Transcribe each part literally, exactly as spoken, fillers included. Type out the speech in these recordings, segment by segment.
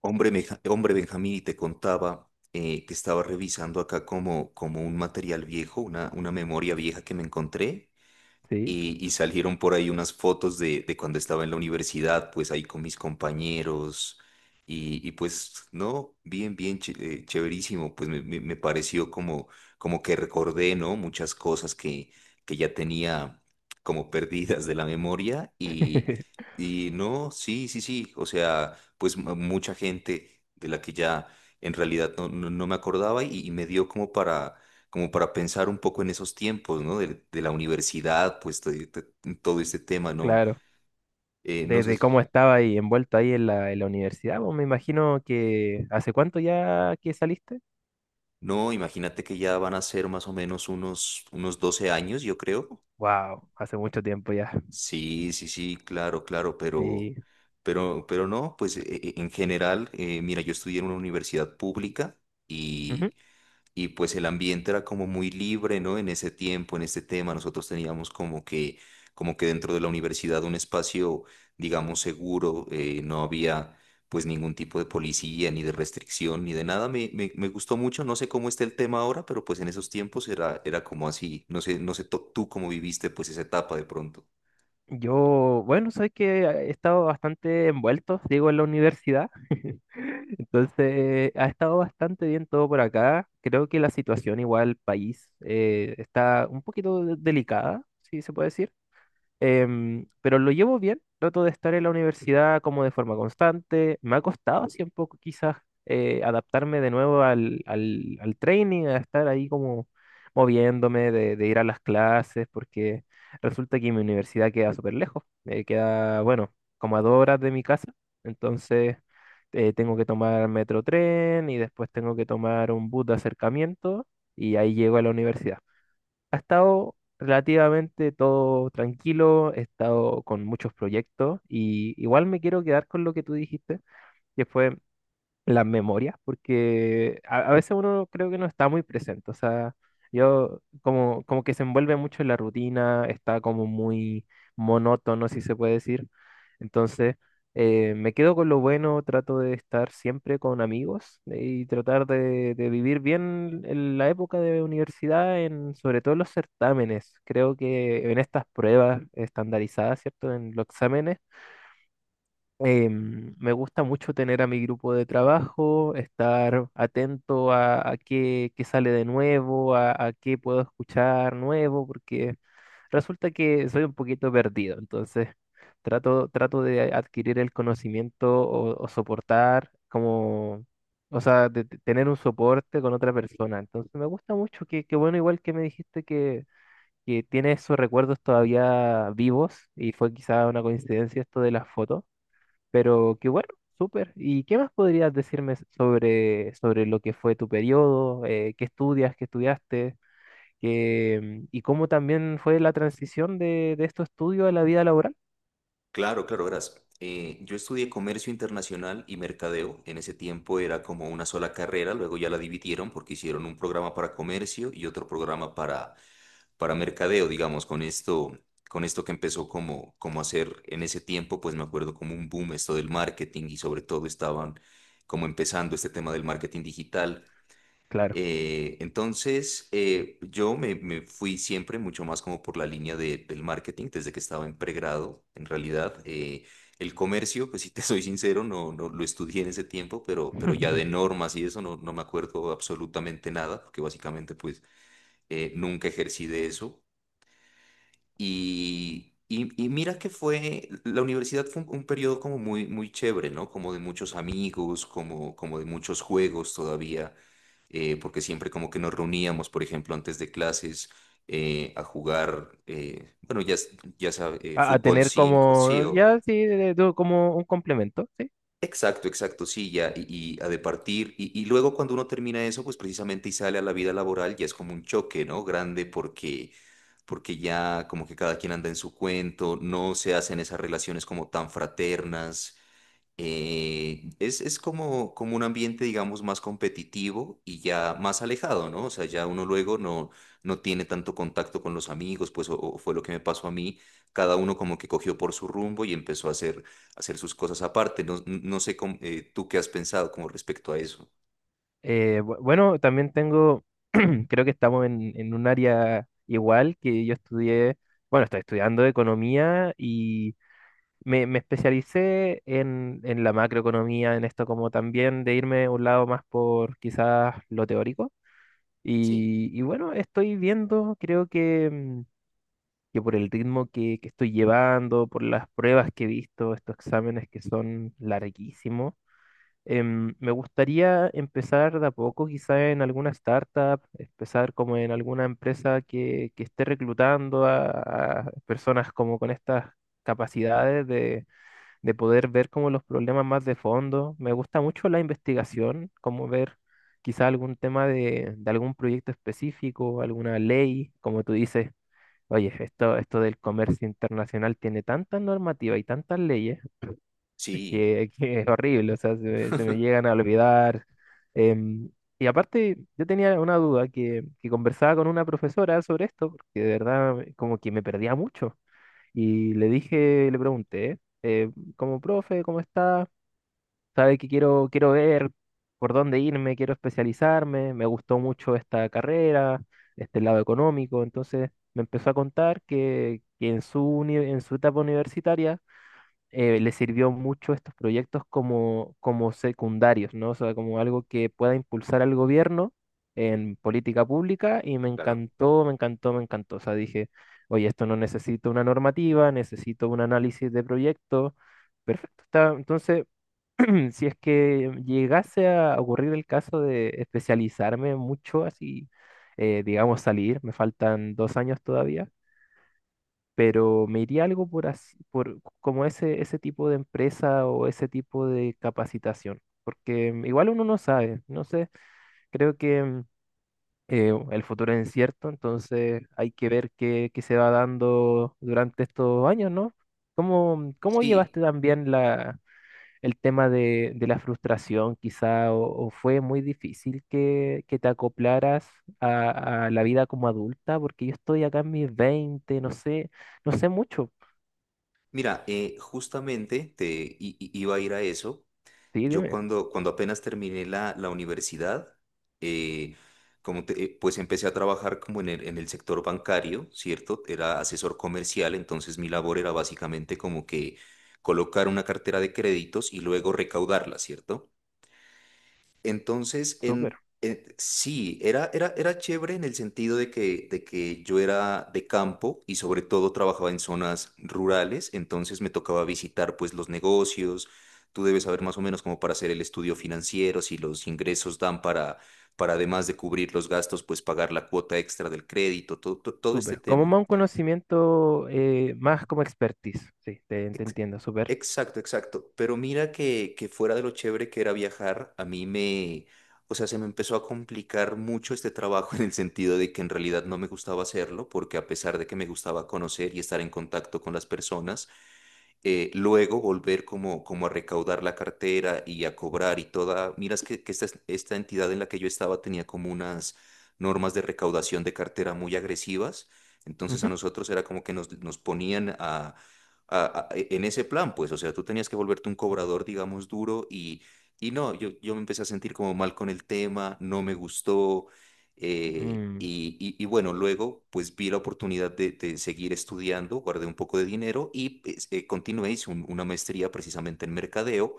Hombre, Meja- hombre Benjamín, y te contaba eh, que estaba revisando acá como, como un material viejo, una, una memoria vieja que me encontré Sí, y, y salieron por ahí unas fotos de, de cuando estaba en la universidad, pues ahí con mis compañeros. Y, y pues, no, bien, bien, ch- eh, chéverísimo. Pues me, me- me pareció como, como que recordé, ¿no? Muchas cosas que, que ya tenía como perdidas de la memoria. Y, y no, sí, sí, sí. O sea, pues mu- mucha gente de la que ya en realidad no, no, no me acordaba y, y me dio como para como para pensar un poco en esos tiempos, ¿no? De, de la universidad, pues to- to- todo este tema, ¿no? claro. Eh, no sé Desde si- cómo estaba ahí envuelto ahí en la, en la universidad, pues me imagino que, ¿hace cuánto ya que saliste? No, imagínate que ya van a ser más o menos unos, unos doce años, yo creo. Wow, hace mucho tiempo ya. Sí, sí, sí, claro, claro, pero, Sí. pero, pero no, pues e- e- en general, eh, mira, yo estudié en una universidad pública Ujú. y. Y pues el ambiente era como muy libre, ¿no? En ese tiempo, en este tema, nosotros teníamos como que, como que dentro de la universidad un espacio, digamos, seguro, eh, no había pues ningún tipo de policía, ni de restricción, ni de nada. Me, me, me gustó mucho, no sé cómo está el tema ahora, pero pues en esos tiempos era, era como así. No sé, no sé to- tú cómo viviste pues esa etapa de pronto. Yo, bueno, sabes que ah, he estado bastante envuelto, digo, en la universidad. Entonces, ha estado bastante bien todo por acá. Creo que la situación igual país eh, está un poquito de- delicada, si se puede decir. Em, pero lo llevo bien, trato de estar en la universidad como de forma constante. Me ha costado así un poco quizás eh, adaptarme de nuevo al, al, al training, a estar ahí como moviéndome, de, de ir a las clases, porque resulta que mi universidad queda súper lejos. Eh, queda, bueno, como a dos horas de mi casa. Entonces eh, tengo que tomar metro tren y después tengo que tomar un bus de acercamiento y ahí llego a la universidad. Ha estado relativamente todo tranquilo, he estado con muchos proyectos, y igual me quiero quedar con lo que tú dijiste, que fue las memorias, porque a, a veces uno creo que no está muy presente, o sea, yo como, como que se envuelve mucho en la rutina, está como muy monótono, si se puede decir, entonces eh, me quedo con lo bueno, trato de estar siempre con amigos, eh, y tratar de, de vivir bien en la época de universidad, en, sobre todo en los certámenes, creo que en estas pruebas estandarizadas, ¿cierto? En los exámenes em, me gusta mucho tener a mi grupo de trabajo, estar atento a, a qué, qué sale de nuevo, a, a qué puedo escuchar nuevo, porque resulta que soy un poquito perdido, entonces trato, trato de adquirir el conocimiento o, o soportar como, o sea, de de tener un soporte con otra persona. Entonces me gusta mucho, que, que bueno, igual que me dijiste que... que tiene esos recuerdos todavía vivos y fue quizá una coincidencia esto de las fotos. Pero qué bueno, súper. ¿Y qué más podrías decirme s- sobre, sobre lo que fue tu periodo? Eh, ¿qué estudias? ¿Qué estudiaste? Qué, mm, ¿y cómo también fue la transición de, de estos estudios a la vida laboral? Claro, claro, verás. Eh, yo estudié comercio internacional y mercadeo. En ese tiempo era como una sola carrera, luego ya la dividieron porque hicieron un programa para comercio y otro programa para, para mercadeo, digamos, con esto, con esto que empezó como, como hacer en ese tiempo, pues me acuerdo como un boom esto del marketing y sobre todo estaban como empezando este tema del marketing digital. Claro. Eh, entonces, eh, yo me, me fui siempre mucho más como por la línea de- del marketing desde que estaba en pregrado, en realidad. Eh, el comercio, pues si te soy sincero, no, no lo estudié en ese tiempo, pero, pero ya de normas y eso no, no me acuerdo absolutamente nada, porque básicamente pues eh, nunca ejercí de eso. Y, y, y mira que fue, la universidad fue un, un periodo como muy, muy chévere, ¿no? Como de muchos amigos, como, como de muchos juegos todavía, eh, porque siempre como que nos reuníamos, por ejemplo, antes de clases eh, a jugar, eh, bueno, ya, s- ya sabes, A a fútbol tener cinco sí, como, o ya sí, de- de- como un complemento, ¿sí? exacto, exacto, sí, ya, y, y ha de partir. Y, y luego cuando uno termina eso, pues precisamente y sale a la vida laboral, ya es como un choque, ¿no? Grande porque, porque ya como que cada quien anda en su cuento, no se hacen esas relaciones como tan fraternas, eh, es, es como, como un ambiente, digamos, más competitivo y ya más alejado, ¿no? O sea, ya uno luego no, no tiene tanto contacto con los amigos, pues o, o fue lo que me pasó a mí. Cada uno como que cogió por su rumbo y empezó a hacer, a hacer sus cosas aparte. No, no sé cómo, eh, tú qué has pensado como respecto a eso. Eh, bu- bueno, también tengo, creo que estamos en, en un área. Igual que, yo estudié, bueno, estoy estudiando economía, y me, me especialicé en, en la macroeconomía, en esto como también de irme a un lado más por, quizás, lo teórico. Sí, Y, y bueno, estoy viendo, creo que, mm, que por el ritmo que, que estoy llevando, por las pruebas que he visto, estos exámenes que son larguísimos. Em, me gustaría empezar de a poco, quizá en alguna startup, empezar como en alguna empresa que, que esté reclutando a, a personas como con estas capacidades de, de poder ver como los problemas más de fondo. Me gusta mucho la investigación, como ver quizá algún tema de, de algún proyecto específico, alguna ley, como tú dices, oye, esto, esto del comercio internacional tiene tanta normativa y tantas leyes que, sí, que es horrible, o sea, se, me se me llegan a olvidar. em, y aparte, yo tenía una duda que, que conversaba con una profesora sobre esto, porque de verdad eh, como que me perdía mucho. Y le dije, le pregunté, eh, como, profe, ¿cómo está? ¿Sabe que quiero, quiero ver por dónde irme? Quiero especializarme, me gustó mucho esta carrera, este lado económico. Entonces me empezó a contar que, que en su, uni- en su etapa universitaria eh, le sirvió mucho estos proyectos como, como secundarios, ¿no? O sea, como algo que pueda impulsar al gobierno en política pública, y me claro. encantó, me encantó, me encantó. O sea, dije, oye, esto no necesito una normativa, necesito un análisis de proyecto. Perfecto. Está. Entonces, si es que llegase a ocurrir el caso de especializarme mucho, así, eh, digamos, salir, me faltan dos años todavía, pero me iría algo por así, por como ese, ese tipo de empresa o ese tipo de capacitación, porque mm, igual uno no sabe, no sé, creo que, mm, eh, el futuro es incierto. Entonces hay que ver qué, qué se va dando durante estos años, ¿no? ¿Cómo, mm, cómo Sí. llevaste también la, el tema de, de la frustración? Quizá, ¿o o fue muy difícil que, que te acoplaras a, a la vida como adulta? Porque yo estoy acá en mis veinte, no sé, no sé mucho. Mira, eh, justamente te i- i- iba a ir a eso. Sí, Yo dime. cuando, cuando apenas terminé la, la universidad, eh, como te- eh, pues empecé a trabajar como en el, en el sector bancario, ¿cierto? Era asesor comercial, entonces mi labor era básicamente como que colocar una cartera de créditos y luego recaudarla, ¿cierto? Entonces, Súper, en, eh, sí, era, era, era chévere en el sentido de que, de que yo era de campo y sobre todo trabajaba en zonas rurales, entonces me tocaba visitar pues los negocios, tú debes saber más o menos cómo para hacer el estudio financiero, si los ingresos dan para, para además de cubrir los gastos, pues pagar la cuota extra del crédito, todo, todo todo este súper. Como tema. más un conocimiento, eh, más como expertise. Sí, te, te Ex- entiendo, súper. Exacto, exacto. Pero mira que, que fuera de lo chévere que era viajar, a mí me, o sea, se me empezó a complicar mucho este trabajo en el sentido de que en realidad no me gustaba hacerlo, porque a pesar de que me gustaba conocer y estar en contacto con las personas, eh, luego volver como, como a recaudar la cartera y a cobrar y toda, miras que, que esta, es- esta entidad en la que yo estaba tenía como unas normas de recaudación de cartera muy agresivas, entonces a Ujú. nosotros era como que nos, nos ponían a, a- a- e, en ese plan, pues, o sea, tú tenías que volverte un cobrador, digamos, duro y, y no, yo, yo me empecé a sentir como mal con el tema, no me gustó. eh, Mm, y, y- Y bueno, luego pues vi la oportunidad de, de seguir estudiando, guardé un poco de dinero y pues, eh, continué, hice un- una maestría precisamente en mercadeo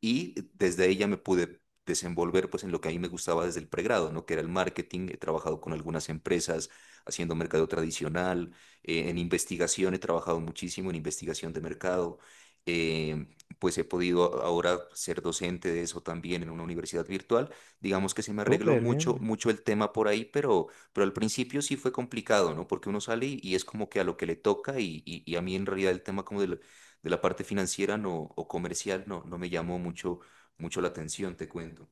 y desde ella me pude desenvolver pues en lo que a mí me gustaba desde el pregrado, ¿no? Que era el marketing, he trabajado con algunas empresas haciendo mercadeo tradicional eh, en investigación he trabajado muchísimo en investigación de mercado. eh, pues he podido ahora ser docente de eso también en una universidad virtual. Digamos que se me arregló súper, mucho, bien. mucho el tema por ahí, pero, pero al principio sí fue complicado, ¿no? Porque uno sale y, y es como que a lo que le toca y, y- y a mí en realidad el tema como de la, de la parte financiera no, o comercial no, no me llamó mucho, mucho la atención, te cuento.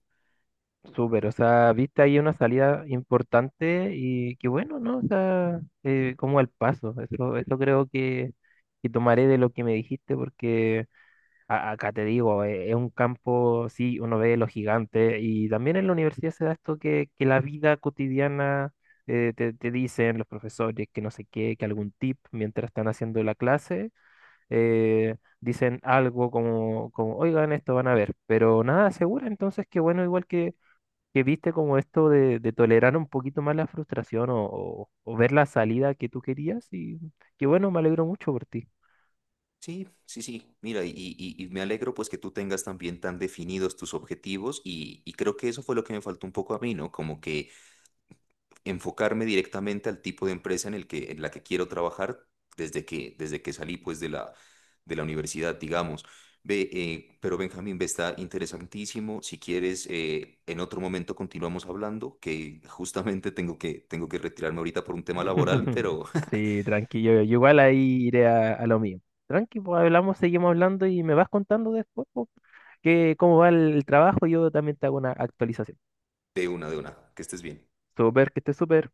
Súper, o sea, viste ahí una salida importante y qué bueno, ¿no? O sea, eh, como al paso. Eso, eso creo que, que tomaré de lo que me dijiste, porque A- acá te digo, eh, es un campo, sí, uno ve los gigantes y también en la universidad se da esto que, que la vida cotidiana, eh, te, te dicen los profesores que no sé qué, que algún tip mientras están haciendo la clase, eh, dicen algo como, como, oigan, esto van a ver, pero nada segura. Entonces qué bueno, igual que, que viste como esto de, de tolerar un poquito más la frustración, o, o o ver la salida que tú querías, y qué bueno, me alegro mucho por ti. Sí, sí, sí. Mira, y, y- y me alegro pues que tú tengas también tan definidos tus objetivos y, y creo que eso fue lo que me faltó un poco a mí, ¿no? Como que enfocarme directamente al tipo de empresa en el que, en la que quiero trabajar desde que, desde que salí pues de la, de la universidad, digamos. Ve, eh, pero Benjamín, ve, está interesantísimo. Si quieres, eh, en otro momento continuamos hablando, que justamente tengo que, tengo que retirarme ahorita por un tema laboral, pero Sí, tranquilo. Yo yo igual ahí iré a, a lo mío. Tranqui, pues hablamos, seguimos hablando y me vas contando después, pues, que cómo va el, el trabajo. Yo también te hago una actualización. de una, de una, que estés bien. Súper, que esté súper.